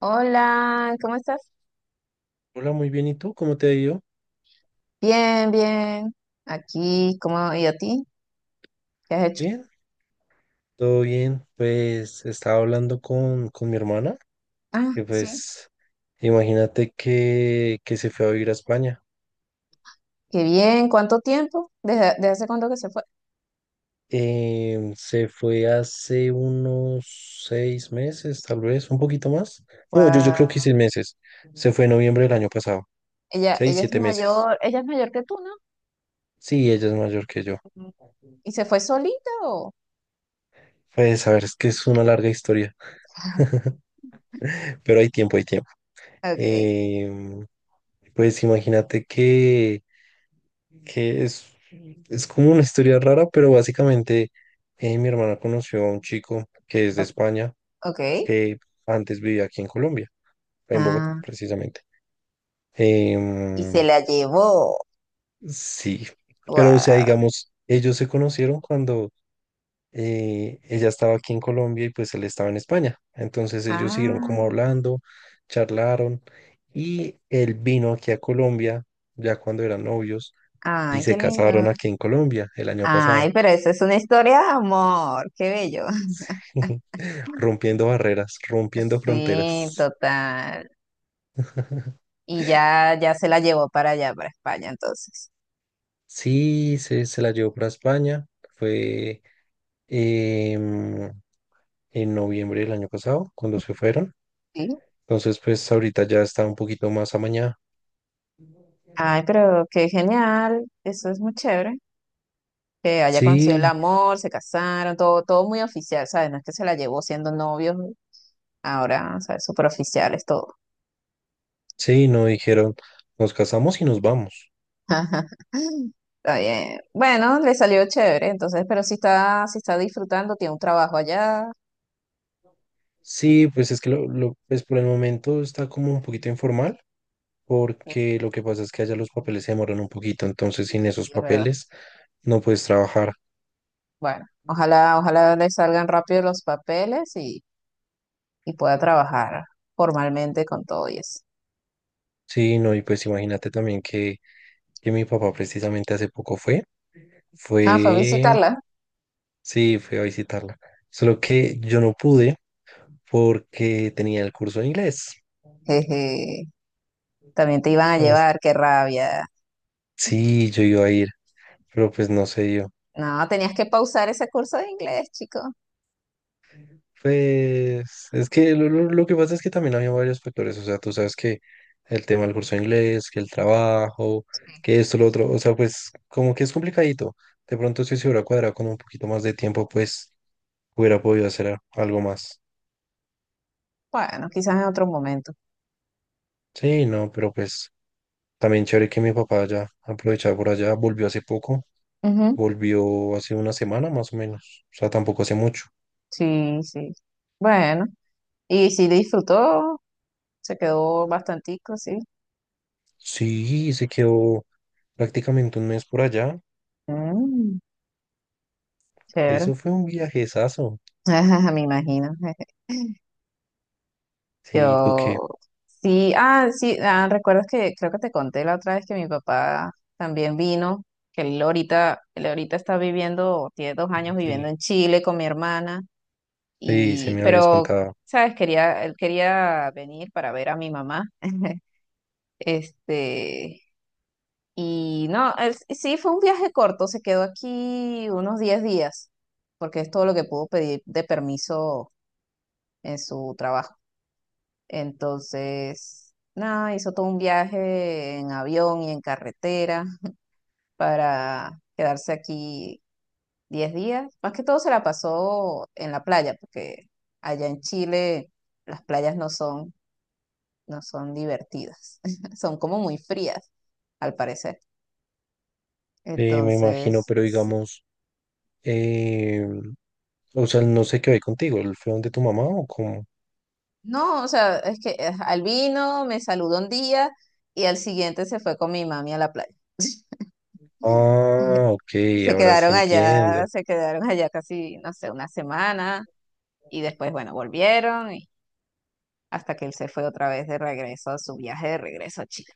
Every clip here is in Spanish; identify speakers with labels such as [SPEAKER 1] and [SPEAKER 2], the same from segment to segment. [SPEAKER 1] Hola, ¿cómo estás?
[SPEAKER 2] Hola, muy bien. ¿Y tú? ¿Cómo te ha ido?
[SPEAKER 1] Bien, bien. Aquí, ¿cómo? ¿Y a ti? ¿Qué has hecho?
[SPEAKER 2] Bien, todo bien. Pues estaba hablando con mi hermana,
[SPEAKER 1] Ah,
[SPEAKER 2] que
[SPEAKER 1] sí.
[SPEAKER 2] pues imagínate que se fue a vivir a España.
[SPEAKER 1] Qué bien. ¿Cuánto tiempo? ¿Desde hace cuánto que se fue?
[SPEAKER 2] Se fue hace unos 6 meses, tal vez, un poquito más. No, yo creo
[SPEAKER 1] Guau.
[SPEAKER 2] que 6 meses. Se fue en noviembre del año pasado.
[SPEAKER 1] Ella,
[SPEAKER 2] 6,
[SPEAKER 1] ella es
[SPEAKER 2] 7 meses.
[SPEAKER 1] mayor, ella es mayor que tú, ¿no?
[SPEAKER 2] Sí, ella es mayor que yo.
[SPEAKER 1] Ujú. ¿Y se fue solita o?
[SPEAKER 2] Pues a ver, es que es una larga historia, pero hay tiempo, hay tiempo.
[SPEAKER 1] Okay.
[SPEAKER 2] Em, pues imagínate que que es, es como una historia rara, pero básicamente mi hermana conoció a un chico que es de
[SPEAKER 1] o-
[SPEAKER 2] España,
[SPEAKER 1] Ok.
[SPEAKER 2] que antes vivía aquí en Colombia, en Bogotá,
[SPEAKER 1] Ah,
[SPEAKER 2] precisamente.
[SPEAKER 1] y
[SPEAKER 2] Em,
[SPEAKER 1] se la llevó.
[SPEAKER 2] sí, pero o sea,
[SPEAKER 1] Guau.
[SPEAKER 2] digamos, ellos se conocieron cuando ella estaba aquí en Colombia y pues él estaba en España. Entonces ellos siguieron como
[SPEAKER 1] Ah,
[SPEAKER 2] hablando, charlaron y él vino aquí a Colombia ya cuando eran novios y
[SPEAKER 1] ay, qué
[SPEAKER 2] se casaron
[SPEAKER 1] lindo.
[SPEAKER 2] aquí en Colombia el año pasado.
[SPEAKER 1] Ay, pero eso es una historia de amor. Qué bello.
[SPEAKER 2] Rompiendo barreras, rompiendo
[SPEAKER 1] Sí,
[SPEAKER 2] fronteras.
[SPEAKER 1] total. Y ya se la llevó para allá, para España, entonces.
[SPEAKER 2] Sí, se la llevó para España. Fue em, en noviembre del año pasado, cuando se fueron.
[SPEAKER 1] Sí.
[SPEAKER 2] Entonces, pues ahorita ya está un poquito más amañada.
[SPEAKER 1] Ay, pero qué genial, eso es muy chévere. Que haya conseguido el
[SPEAKER 2] Sí,
[SPEAKER 1] amor, se casaron, todo, todo muy oficial, ¿sabes? No es que se la llevó siendo novios, ahora, ¿sabes? Súper oficiales, todo.
[SPEAKER 2] sí, no dijeron, nos casamos y nos vamos.
[SPEAKER 1] Está bien. Bueno, le salió chévere, entonces, pero si está disfrutando, tiene un trabajo allá.
[SPEAKER 2] Sí, pues es que pues por el momento está como un poquito informal,
[SPEAKER 1] eh,
[SPEAKER 2] porque lo que pasa es que allá los papeles se demoran un poquito, entonces sin
[SPEAKER 1] Sí,
[SPEAKER 2] esos
[SPEAKER 1] sí, es verdad.
[SPEAKER 2] papeles no puedes trabajar.
[SPEAKER 1] Bueno, ojalá, ojalá le salgan rápido los papeles y pueda trabajar formalmente con todo y eso.
[SPEAKER 2] Sí, no, y pues imagínate también que mi papá precisamente hace poco
[SPEAKER 1] Ah, fue a
[SPEAKER 2] fue,
[SPEAKER 1] visitarla.
[SPEAKER 2] sí, fue a visitarla. Solo que yo no pude porque tenía el curso de inglés.
[SPEAKER 1] Jeje, también te iban a
[SPEAKER 2] O s-
[SPEAKER 1] llevar, qué rabia.
[SPEAKER 2] sí, yo iba a ir, pero pues no se dio.
[SPEAKER 1] No, tenías que pausar ese curso de inglés, chico.
[SPEAKER 2] Pues es que lo que pasa es que también había varios factores. O sea, tú sabes que el tema del curso de inglés, que el trabajo, que esto, lo otro. O sea, pues como que es complicadito. De pronto si se hubiera cuadrado con un poquito más de tiempo, pues hubiera podido hacer algo más.
[SPEAKER 1] Bueno, quizás en otro momento.
[SPEAKER 2] Sí, no, pero pues. También chévere que mi papá ya aprovechaba por allá, volvió hace poco,
[SPEAKER 1] Ujú,
[SPEAKER 2] volvió hace una semana más o menos, o sea, tampoco hace mucho.
[SPEAKER 1] sí, sí. Bueno, y sí disfrutó, se quedó bastantico, sí.
[SPEAKER 2] Sí, se quedó prácticamente un mes por allá.
[SPEAKER 1] Mm, chévere.
[SPEAKER 2] Eso fue un viajezazo.
[SPEAKER 1] Ajá, me imagino.
[SPEAKER 2] Sí, ¿tú qué?
[SPEAKER 1] Yo, sí, ah, sí, ah, recuerdas que creo que te conté la otra vez que mi papá también vino, que él ahorita está viviendo, tiene 2 años viviendo
[SPEAKER 2] Chile.
[SPEAKER 1] en Chile con mi hermana.
[SPEAKER 2] Sí, se
[SPEAKER 1] Y,
[SPEAKER 2] me habías
[SPEAKER 1] pero,
[SPEAKER 2] contado.
[SPEAKER 1] ¿sabes? Quería, él quería venir para ver a mi mamá. Este, y no, él sí sí, fue un viaje corto, se quedó aquí unos 10 días, porque es todo lo que pudo pedir de permiso en su trabajo. Entonces, nada, hizo todo un viaje en avión y en carretera para quedarse aquí 10 días. Más que todo se la pasó en la playa, porque allá en Chile las playas no son divertidas, son como muy frías, al parecer.
[SPEAKER 2] Sí, me imagino,
[SPEAKER 1] Entonces,
[SPEAKER 2] pero
[SPEAKER 1] sí.
[SPEAKER 2] digamos, eh, o sea, no sé qué hay contigo, ¿él fue donde tu mamá o cómo?
[SPEAKER 1] No, o sea, es que al vino, me saludó un día y al siguiente se fue con mi mami a la playa. Mm.
[SPEAKER 2] Ah, ok,
[SPEAKER 1] Y se
[SPEAKER 2] ahora
[SPEAKER 1] quedaron
[SPEAKER 2] sí entiendo.
[SPEAKER 1] allá, se quedaron allá casi, no sé, una semana y después, bueno, volvieron y hasta que él se fue otra vez de regreso a su viaje de regreso a Chile.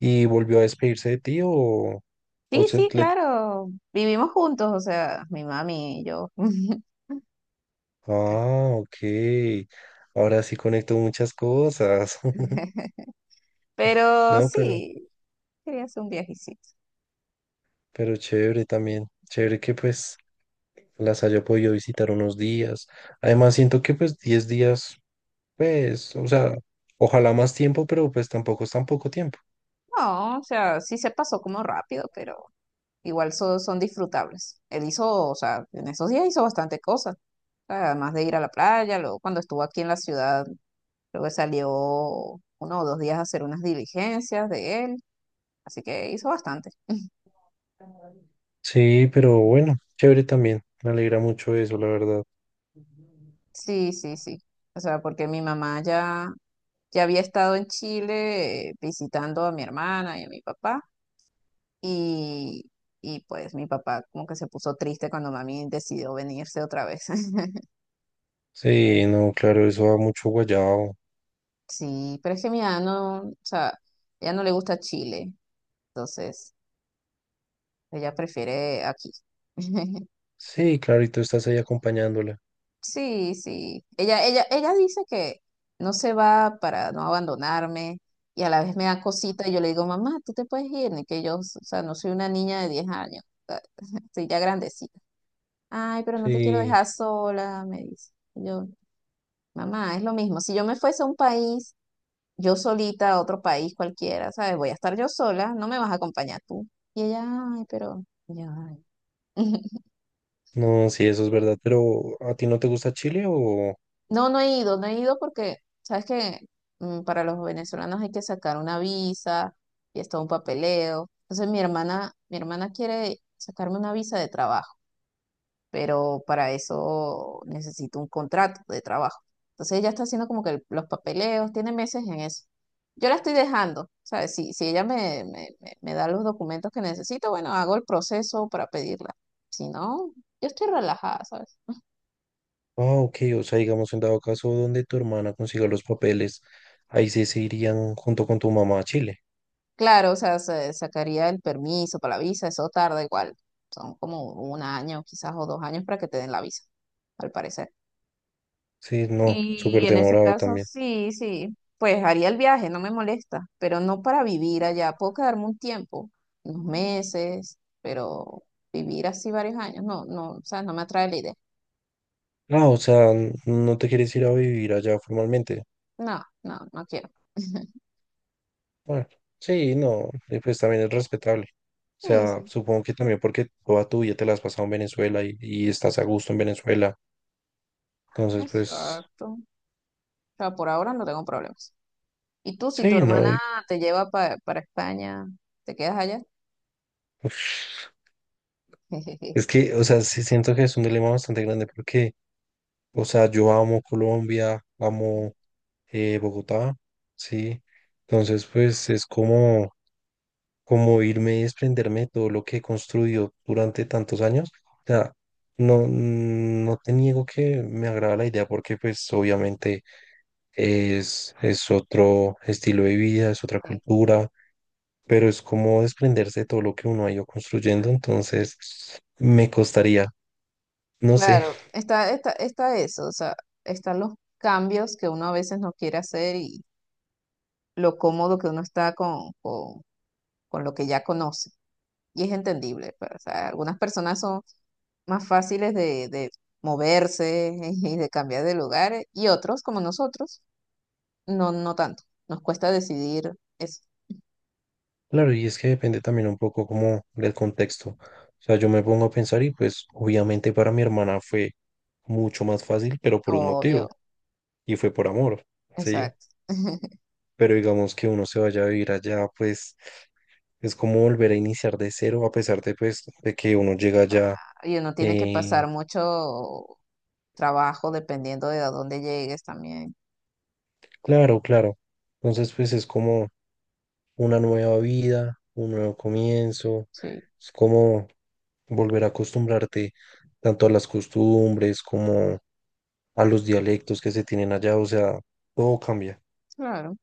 [SPEAKER 2] ¿Y volvió a despedirse de ti o
[SPEAKER 1] Sí,
[SPEAKER 2] se,
[SPEAKER 1] sí,
[SPEAKER 2] le
[SPEAKER 1] claro, vivimos juntos, o sea, mi mami y yo.
[SPEAKER 2] Ah, ok. Ahora sí conecto muchas cosas.
[SPEAKER 1] Pero
[SPEAKER 2] No, pero,
[SPEAKER 1] sí, quería hacer un viajecito.
[SPEAKER 2] pero chévere también. Chévere que pues las haya podido visitar unos días. Además, siento que pues 10 días, pues, o sea, ojalá más tiempo, pero pues tampoco es tan poco tiempo.
[SPEAKER 1] No, o sea, sí se pasó como rápido, pero igual son disfrutables. Él hizo, o sea, en esos días hizo bastante cosas. O sea, además de ir a la playa, luego cuando estuvo aquí en la ciudad, creo que salió 1 o 2 días a hacer unas diligencias de él. Así que hizo bastante.
[SPEAKER 2] Sí, pero bueno, chévere también. Me alegra mucho eso, la verdad.
[SPEAKER 1] Sí, sí, sí. O sea, porque mi mamá ya había estado en Chile visitando a mi hermana y a mi papá. Y, y pues mi papá como que se puso triste cuando mami decidió venirse otra vez.
[SPEAKER 2] Sí, no, claro, eso da mucho guayao.
[SPEAKER 1] Sí, pero es que mi mamá no, o sea, ella no le gusta Chile, entonces ella prefiere aquí.
[SPEAKER 2] Sí, claro, y tú estás ahí acompañándola.
[SPEAKER 1] Sí, sí. Ella dice que no se va para no abandonarme y a la vez me da cosita y yo le digo, mamá, tú te puedes ir, ni que yo, o sea, no soy una niña de 10 años, o sea, estoy ya grandecita. Ay, pero no te quiero
[SPEAKER 2] Sí,
[SPEAKER 1] dejar sola, me dice. Y yo, mamá, es lo mismo. Si yo me fuese a un país, yo solita a otro país cualquiera, ¿sabes? Voy a estar yo sola, no me vas a acompañar tú. Y ella, ay, pero... y yo, "Ay".
[SPEAKER 2] no, sí, eso es verdad. Pero, ¿a ti no te gusta Chile o?
[SPEAKER 1] No, no he ido porque, ¿sabes que para los venezolanos hay que sacar una visa y es todo un papeleo? Entonces mi hermana quiere sacarme una visa de trabajo. Pero para eso necesito un contrato de trabajo. Entonces ella está haciendo como que los papeleos, tiene meses en eso. Yo la estoy dejando, ¿sabes? Si ella me da los documentos que necesito, bueno, hago el proceso para pedirla. Si no, yo estoy relajada, ¿sabes?
[SPEAKER 2] Ah, ok, o sea, digamos, en dado caso donde tu hermana consiga los papeles, ahí sí se irían junto con tu mamá a Chile.
[SPEAKER 1] Claro, o sea, sacaría el permiso para la visa, eso tarda igual. Son como un año, quizás, o 2 años para que te den la visa, al parecer.
[SPEAKER 2] Sí, no,
[SPEAKER 1] Y
[SPEAKER 2] súper
[SPEAKER 1] en ese
[SPEAKER 2] demorado
[SPEAKER 1] caso,
[SPEAKER 2] también.
[SPEAKER 1] sí, sí, pues haría el viaje, no me molesta, pero no para vivir allá. Puedo quedarme un tiempo, unos meses, pero vivir así varios años, no, no, o sea, no me atrae la idea.
[SPEAKER 2] Ah, o sea, no te quieres ir a vivir allá formalmente.
[SPEAKER 1] No, no, no quiero.
[SPEAKER 2] Bueno, sí, no, y pues también es respetable. O
[SPEAKER 1] Sí,
[SPEAKER 2] sea,
[SPEAKER 1] sí,
[SPEAKER 2] supongo que también porque toda tu vida te la has pasado en Venezuela y estás a gusto en Venezuela. Entonces, pues,
[SPEAKER 1] exacto. O sea, por ahora no tengo problemas. ¿Y tú, si tu
[SPEAKER 2] sí, no,
[SPEAKER 1] hermana te lleva para España, te quedas allá?
[SPEAKER 2] uf, es que, o sea, sí siento que es un dilema bastante grande porque, o sea, yo amo Colombia, amo. Bogotá, sí. Entonces, pues es como irme y desprenderme de todo lo que he construido durante tantos años. O sea, no, no te niego que me agrada la idea porque pues obviamente es otro estilo de vida, es otra
[SPEAKER 1] Sí.
[SPEAKER 2] cultura, pero es como desprenderse de todo lo que uno ha ido construyendo. Entonces, me costaría, no sé.
[SPEAKER 1] Claro, está eso, o sea, están los cambios que uno a veces no quiere hacer, lo cómodo que uno está con lo que ya conoce. Y es entendible, pues, o sea, algunas personas son más fáciles de moverse y de cambiar de lugar y otros, como nosotros, no, no tanto. Nos cuesta decidir, es
[SPEAKER 2] Claro, y es que depende también un poco como del contexto. O sea, yo me pongo a pensar y pues obviamente para mi hermana fue mucho más fácil, pero por un
[SPEAKER 1] obvio,
[SPEAKER 2] motivo, y fue por amor, ¿sí?
[SPEAKER 1] exacto.
[SPEAKER 2] Pero digamos que uno se vaya a vivir allá, pues es como volver a iniciar de cero, a pesar de pues de que uno llega allá
[SPEAKER 1] Y uno tiene que
[SPEAKER 2] eh,
[SPEAKER 1] pasar mucho trabajo dependiendo de a dónde llegues también.
[SPEAKER 2] Claro, claro. Entonces, pues es como una nueva vida, un nuevo comienzo,
[SPEAKER 1] Sí.
[SPEAKER 2] es como volver a acostumbrarte tanto a las costumbres como a los dialectos que se tienen allá, o sea, todo cambia.
[SPEAKER 1] Claro. O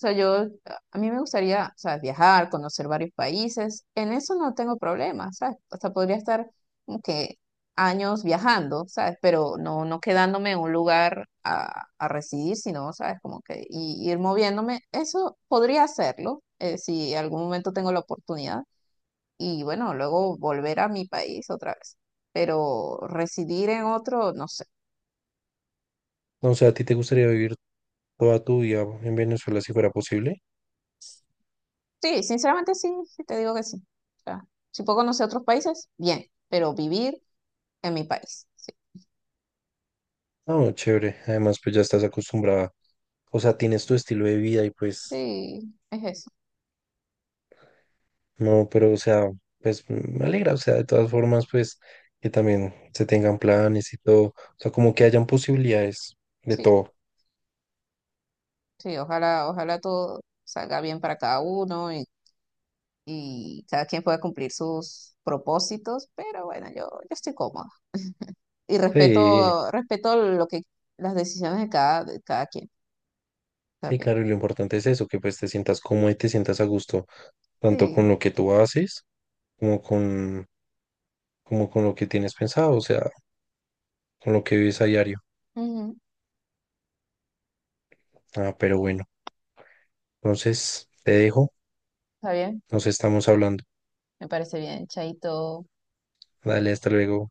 [SPEAKER 1] sea, a mí me gustaría, o sea, viajar, conocer varios países. En eso no tengo problema, ¿sabes? Hasta podría estar como que años viajando, ¿sabes? Pero no, no quedándome en un lugar a residir, sino, ¿sabes? Como que ir moviéndome. Eso podría hacerlo, si en algún momento tengo la oportunidad. Y bueno, luego volver a mi país otra vez. Pero residir en otro, no sé.
[SPEAKER 2] No, o sea, ¿a ti te gustaría vivir toda tu vida en Venezuela si fuera posible?
[SPEAKER 1] Sí, sinceramente sí, sí, te digo que sí. O sea, si puedo conocer otros países, bien, pero vivir en mi país. Sí,
[SPEAKER 2] No, chévere. Además, pues ya estás acostumbrada, o sea, tienes tu estilo de vida y pues
[SPEAKER 1] sí, es eso.
[SPEAKER 2] no, pero o sea, pues me alegra, o sea, de todas formas, pues que también se tengan planes y todo, o sea, como que hayan posibilidades de
[SPEAKER 1] Sí,
[SPEAKER 2] todo.
[SPEAKER 1] sí, ojalá, ojalá todo salga bien para cada uno y cada quien pueda cumplir sus propósitos, pero bueno, yo estoy cómoda. Y
[SPEAKER 2] Sí,
[SPEAKER 1] respeto las decisiones de cada quien
[SPEAKER 2] sí,
[SPEAKER 1] también.
[SPEAKER 2] claro, y lo importante es eso, que pues te sientas cómodo y te sientas a gusto, tanto con
[SPEAKER 1] Sí,
[SPEAKER 2] lo que tú haces como como con lo que tienes pensado, o sea, con lo que vives a diario.
[SPEAKER 1] ujú,
[SPEAKER 2] Ah, pero bueno, entonces te dejo,
[SPEAKER 1] está bien,
[SPEAKER 2] nos estamos hablando.
[SPEAKER 1] me parece bien, Chaito.
[SPEAKER 2] Dale, hasta luego.